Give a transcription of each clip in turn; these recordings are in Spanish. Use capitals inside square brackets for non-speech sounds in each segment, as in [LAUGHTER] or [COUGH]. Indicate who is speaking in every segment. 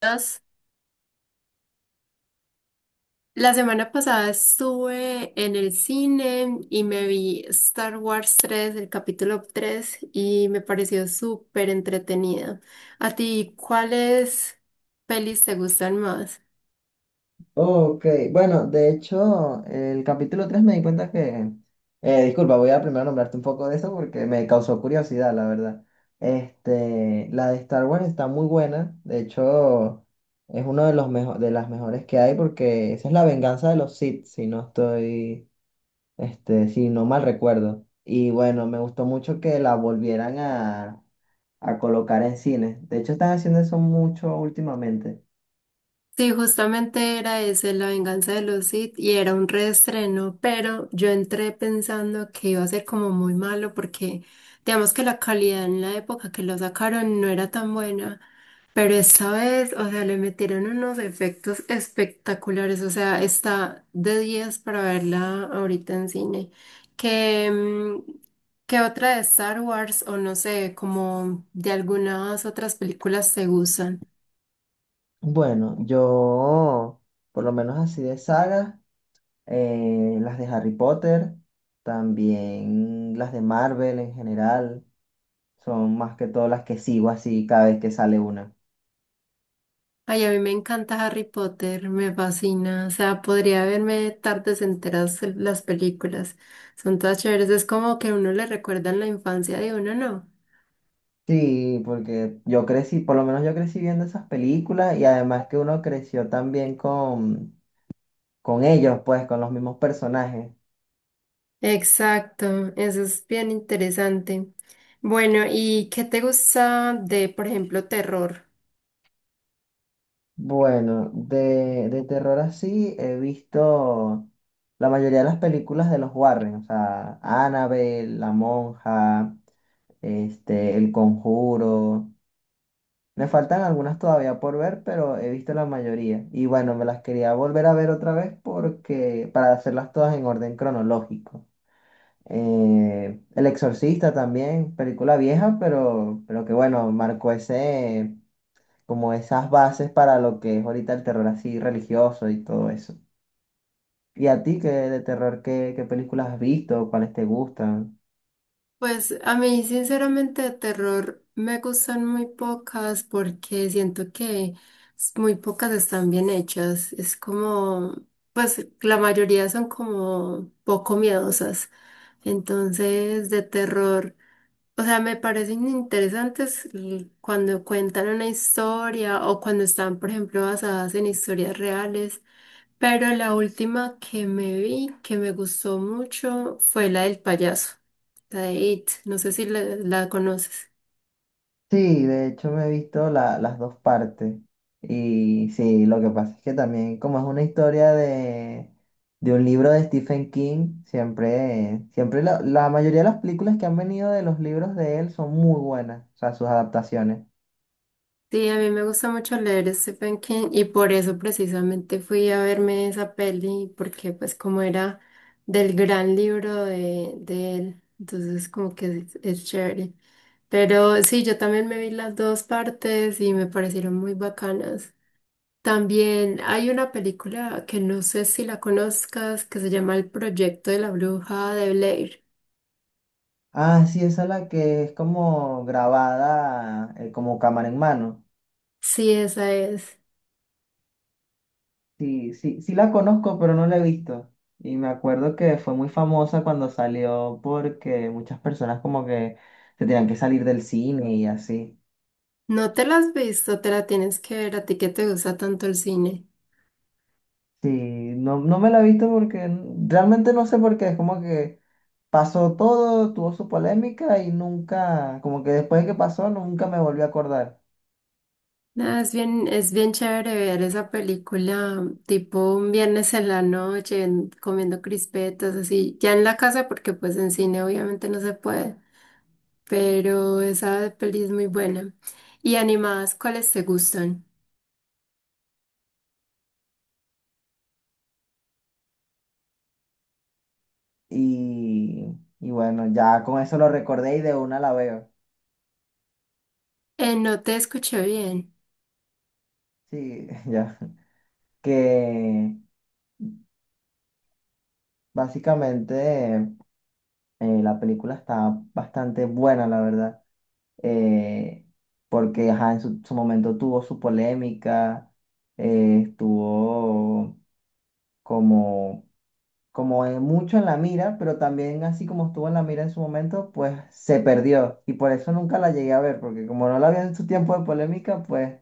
Speaker 1: Entonces, la semana pasada estuve en el cine y me vi Star Wars 3, el capítulo 3 y me pareció súper entretenida. ¿A ti cuáles pelis te gustan más?
Speaker 2: Ok, bueno, de hecho, el capítulo 3 me di cuenta que... disculpa, voy a primero nombrarte un poco de eso porque me causó curiosidad, la verdad. Este, la de Star Wars está muy buena, de hecho, es uno de de las mejores que hay porque esa es la venganza de los Sith, si no estoy, este, si no mal recuerdo. Y bueno, me gustó mucho que la volvieran a colocar en cines. De hecho, están haciendo eso mucho últimamente.
Speaker 1: Sí, justamente era ese, La venganza de los Sith, y era un reestreno, pero yo entré pensando que iba a ser como muy malo porque digamos que la calidad en la época que lo sacaron no era tan buena. Pero esta vez, o sea, le metieron unos efectos espectaculares, o sea, está de 10 para verla ahorita en cine. Que, ¿que otra de Star Wars o no sé, como de algunas otras películas te gustan?
Speaker 2: Bueno, yo, por lo menos así de sagas, las de Harry Potter, también las de Marvel en general, son más que todo las que sigo así cada vez que sale una.
Speaker 1: Ay, a mí me encanta Harry Potter, me fascina, o sea, podría verme tardes enteras las películas, son todas chéveres, es como que a uno le recuerdan la infancia de uno, ¿no?
Speaker 2: Sí, porque yo crecí, por lo menos yo crecí viendo esas películas y además que uno creció también con ellos, pues, con los mismos personajes.
Speaker 1: Exacto, eso es bien interesante. Bueno, ¿y qué te gusta de, por ejemplo, terror?
Speaker 2: Bueno, de terror así he visto la mayoría de las películas de los Warren, o sea, Annabelle, La Monja, este, El Conjuro. Me faltan algunas todavía por ver, pero he visto la mayoría. Y bueno, me las quería volver a ver otra vez porque para hacerlas todas en orden cronológico. El Exorcista también, película vieja, pero que bueno, marcó ese como esas bases para lo que es ahorita el terror así religioso y todo eso. ¿Y a ti qué de terror, qué, qué películas has visto? ¿Cuáles te gustan?
Speaker 1: Pues a mí, sinceramente, de terror me gustan muy pocas porque siento que muy pocas están bien hechas. Es como, pues la mayoría son como poco miedosas. Entonces, de terror. O sea, me parecen interesantes cuando cuentan una historia o cuando están, por ejemplo, basadas en historias reales. Pero la última que me vi, que me gustó mucho, fue la del payaso, la de It. No sé si la conoces.
Speaker 2: Sí, de hecho me he visto las dos partes. Y sí, lo que pasa es que también como es una historia de un libro de Stephen King, siempre, siempre la mayoría de las películas que han venido de los libros de él son muy buenas, o sea, sus adaptaciones.
Speaker 1: Sí, a mí me gusta mucho leer a Stephen King y por eso precisamente fui a verme esa peli, porque pues como era del gran libro de él, entonces como que es chévere. Pero sí, yo también me vi las dos partes y me parecieron muy bacanas. También hay una película que no sé si la conozcas, que se llama El Proyecto de la Bruja de Blair.
Speaker 2: Ah, sí, esa es la que es como grabada, como cámara en mano.
Speaker 1: Sí, esa es.
Speaker 2: Sí, sí, sí la conozco, pero no la he visto. Y me acuerdo que fue muy famosa cuando salió porque muchas personas como que se tenían que salir del cine y así.
Speaker 1: No te la has visto, te la tienes que ver, a ti que te gusta tanto el cine.
Speaker 2: Sí, no, no me la he visto porque realmente no sé por qué. Es como que pasó todo, tuvo su polémica y nunca, como que después de que pasó, nunca me volví a acordar.
Speaker 1: No, es bien chévere ver esa película tipo un viernes en la noche comiendo crispetas, así, ya en la casa porque pues en cine obviamente no se puede, pero esa peli es muy buena. Y animadas, ¿cuáles te gustan?
Speaker 2: Y, y bueno, ya con eso lo recordé y de una la veo.
Speaker 1: No te escuché bien.
Speaker 2: Sí, [LAUGHS] ya. Que básicamente... la película está bastante buena, la verdad, eh, porque ajá, en su momento tuvo su polémica, estuvo como, mucho en la mira, pero también así como estuvo en la mira en su momento, pues se perdió y por eso nunca la llegué a ver, porque como no la vi en su tiempo de polémica, pues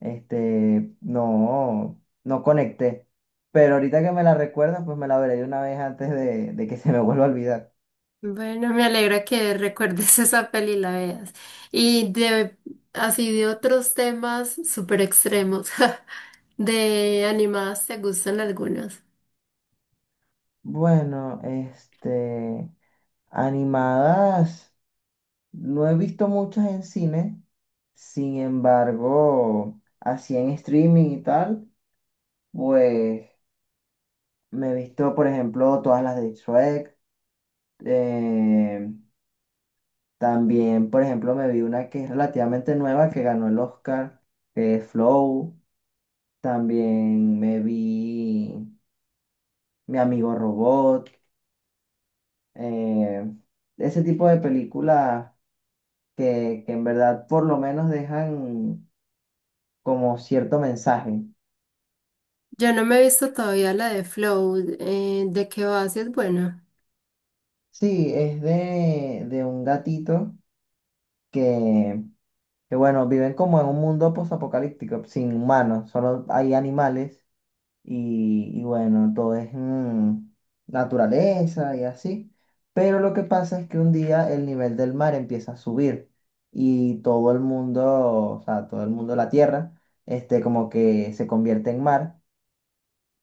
Speaker 2: este, no, no conecté. Pero ahorita que me la recuerdas, pues me la veré de una vez antes de que se me vuelva a olvidar.
Speaker 1: Bueno, me alegra que recuerdes [LAUGHS] esa peli y la veas. Y de, así de otros temas súper extremos, [LAUGHS] de animadas, ¿te gustan algunas?
Speaker 2: Bueno, este, animadas, no he visto muchas en cine, sin embargo, así en streaming y tal, pues me he visto, por ejemplo, todas las de Shrek, eh, también, por ejemplo, me vi una que es relativamente nueva, que ganó el Oscar, que es Flow, también me vi Mi Amigo Robot, eh, ese tipo de películas que en verdad por lo menos dejan como cierto mensaje.
Speaker 1: Yo no me he visto todavía la de Flow. Eh, ¿de qué va? Si es buena.
Speaker 2: Sí, es de un gatito que, que, bueno, viven como en un mundo posapocalíptico, sin humanos, solo hay animales y bueno, todo es naturaleza y así. Pero lo que pasa es que un día el nivel del mar empieza a subir y todo el mundo, o sea, todo el mundo, la tierra, este, como que se convierte en mar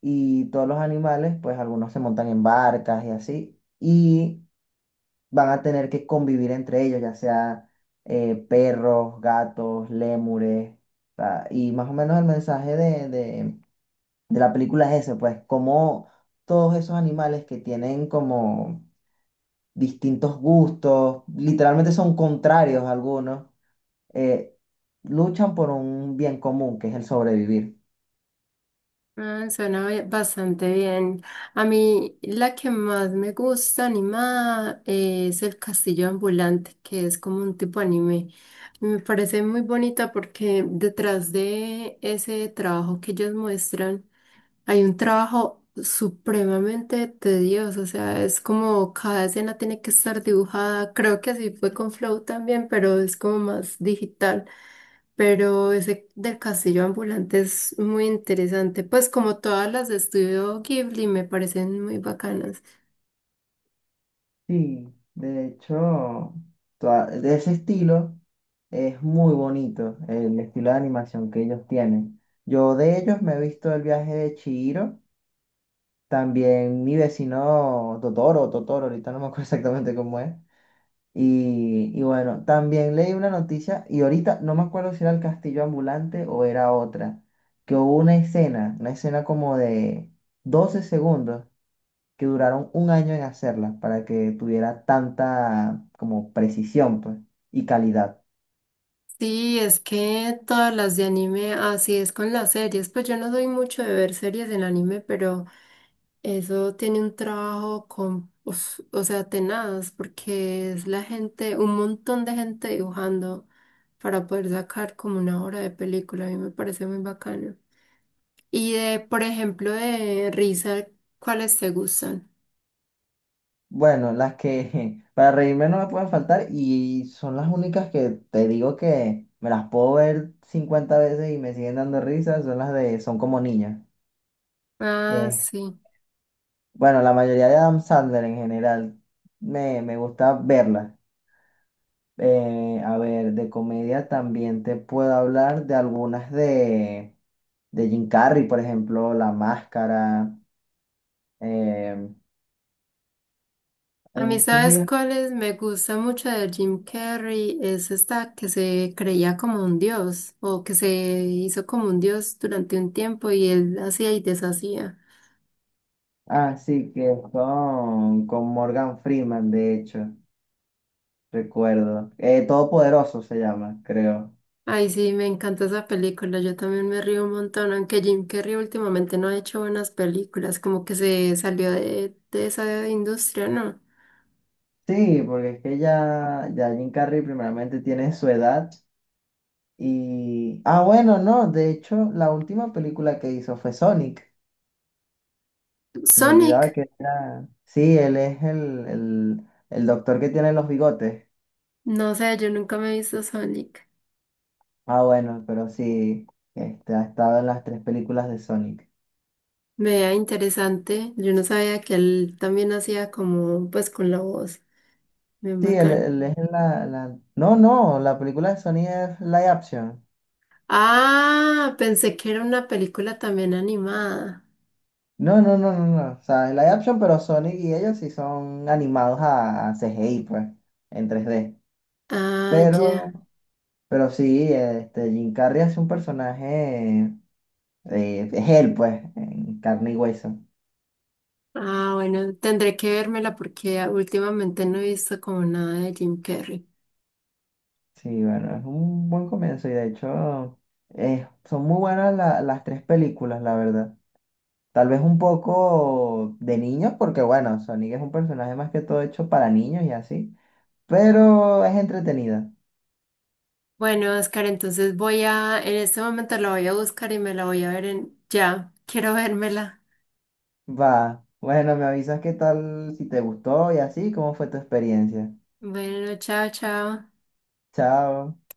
Speaker 2: y todos los animales, pues algunos se montan en barcas y así, y van a tener que convivir entre ellos, ya sea perros, gatos, lémures, o sea, y más o menos el mensaje de la película es ese, pues como todos esos animales que tienen como distintos gustos, literalmente son contrarios algunos, eh, luchan por un bien común, que es el sobrevivir.
Speaker 1: Ah, suena bastante bien. A mí la que más me gusta animada, es El Castillo Ambulante, que es como un tipo anime. Me parece muy bonita porque detrás de ese trabajo que ellos muestran hay un trabajo supremamente tedioso. O sea, es como cada escena tiene que estar dibujada. Creo que así fue con Flow también, pero es como más digital. Pero ese del castillo ambulante es muy interesante, pues como todas las de Estudio Ghibli me parecen muy bacanas.
Speaker 2: Sí, de hecho, de ese estilo es muy bonito el estilo de animación que ellos tienen. Yo de ellos me he visto el viaje de Chihiro, también mi vecino Totoro, Totoro, ahorita no me acuerdo [LAUGHS] exactamente cómo es. Y bueno, también leí una noticia y ahorita no me acuerdo si era el castillo ambulante o era otra, que hubo una escena como de 12 segundos que duraron un año en hacerlas para que tuviera tanta como precisión, pues, y calidad.
Speaker 1: Sí, es que todas las de anime, así es con las series, pues yo no soy mucho de ver series en anime, pero eso tiene un trabajo con, uf, o sea, tenaz, porque es la gente, un montón de gente dibujando para poder sacar como una hora de película, a mí me parece muy bacano. Y de, por ejemplo, de risa, ¿cuáles te gustan?
Speaker 2: Bueno, las que [LAUGHS] para reírme no me pueden faltar y son las únicas que te digo que me las puedo ver 50 veces y me siguen dando risas, son las de Son como niñas.
Speaker 1: Ah,
Speaker 2: Eh,
Speaker 1: sí.
Speaker 2: bueno, la mayoría de Adam Sandler en general me gusta verlas. A ver, de comedia también te puedo hablar de algunas de Jim Carrey, por ejemplo, La Máscara. Eh,
Speaker 1: A
Speaker 2: en
Speaker 1: mí,
Speaker 2: estos
Speaker 1: ¿sabes
Speaker 2: días.
Speaker 1: cuáles me gusta mucho de Jim Carrey? Es esta que se creía como un dios o que se hizo como un dios durante un tiempo y él hacía y deshacía.
Speaker 2: Ah, sí, que es con Morgan Freeman, de hecho, recuerdo. Todopoderoso se llama, creo.
Speaker 1: Ay, sí, me encanta esa película. Yo también me río un montón, aunque Jim Carrey últimamente no ha hecho buenas películas, como que se salió de esa industria, ¿no?
Speaker 2: Sí, porque es que ya Jim Carrey primeramente tiene su edad y... Ah, bueno, no, de hecho, la última película que hizo fue Sonic. Me olvidaba
Speaker 1: Sonic,
Speaker 2: que era... Sí, él es el doctor que tiene los bigotes.
Speaker 1: no sé, yo nunca me he visto Sonic.
Speaker 2: Ah, bueno, pero sí, este, ha estado en las tres películas de Sonic.
Speaker 1: Vea, interesante. Yo no sabía que él también hacía como, pues, con la voz. Bien
Speaker 2: Sí, el
Speaker 1: bacán.
Speaker 2: el es la... No, no, la película de Sony es live action.
Speaker 1: Ah, pensé que era una película también animada.
Speaker 2: No, no, no, no, no. O sea, es live action, pero Sony y ellos sí son animados a CGI, pues, en 3D.
Speaker 1: Ah,
Speaker 2: Pero,
Speaker 1: ya.
Speaker 2: pero sí, este, Jim Carrey es un personaje, es él, pues, en carne y hueso.
Speaker 1: Ah, bueno, tendré que vérmela porque últimamente no he visto como nada de Jim Carrey.
Speaker 2: Sí, bueno, es un buen comienzo y de hecho son muy buenas las tres películas, la verdad. Tal vez un poco de niños, porque bueno, Sonic es un personaje más que todo hecho para niños y así, pero es entretenida.
Speaker 1: Bueno, Oscar, entonces voy a, en este momento la voy a buscar y me la voy a ver en, ya, quiero vérmela.
Speaker 2: Va, bueno, me avisas qué tal, si te gustó y así, cómo fue tu experiencia.
Speaker 1: Bueno, chao, chao.
Speaker 2: Chao.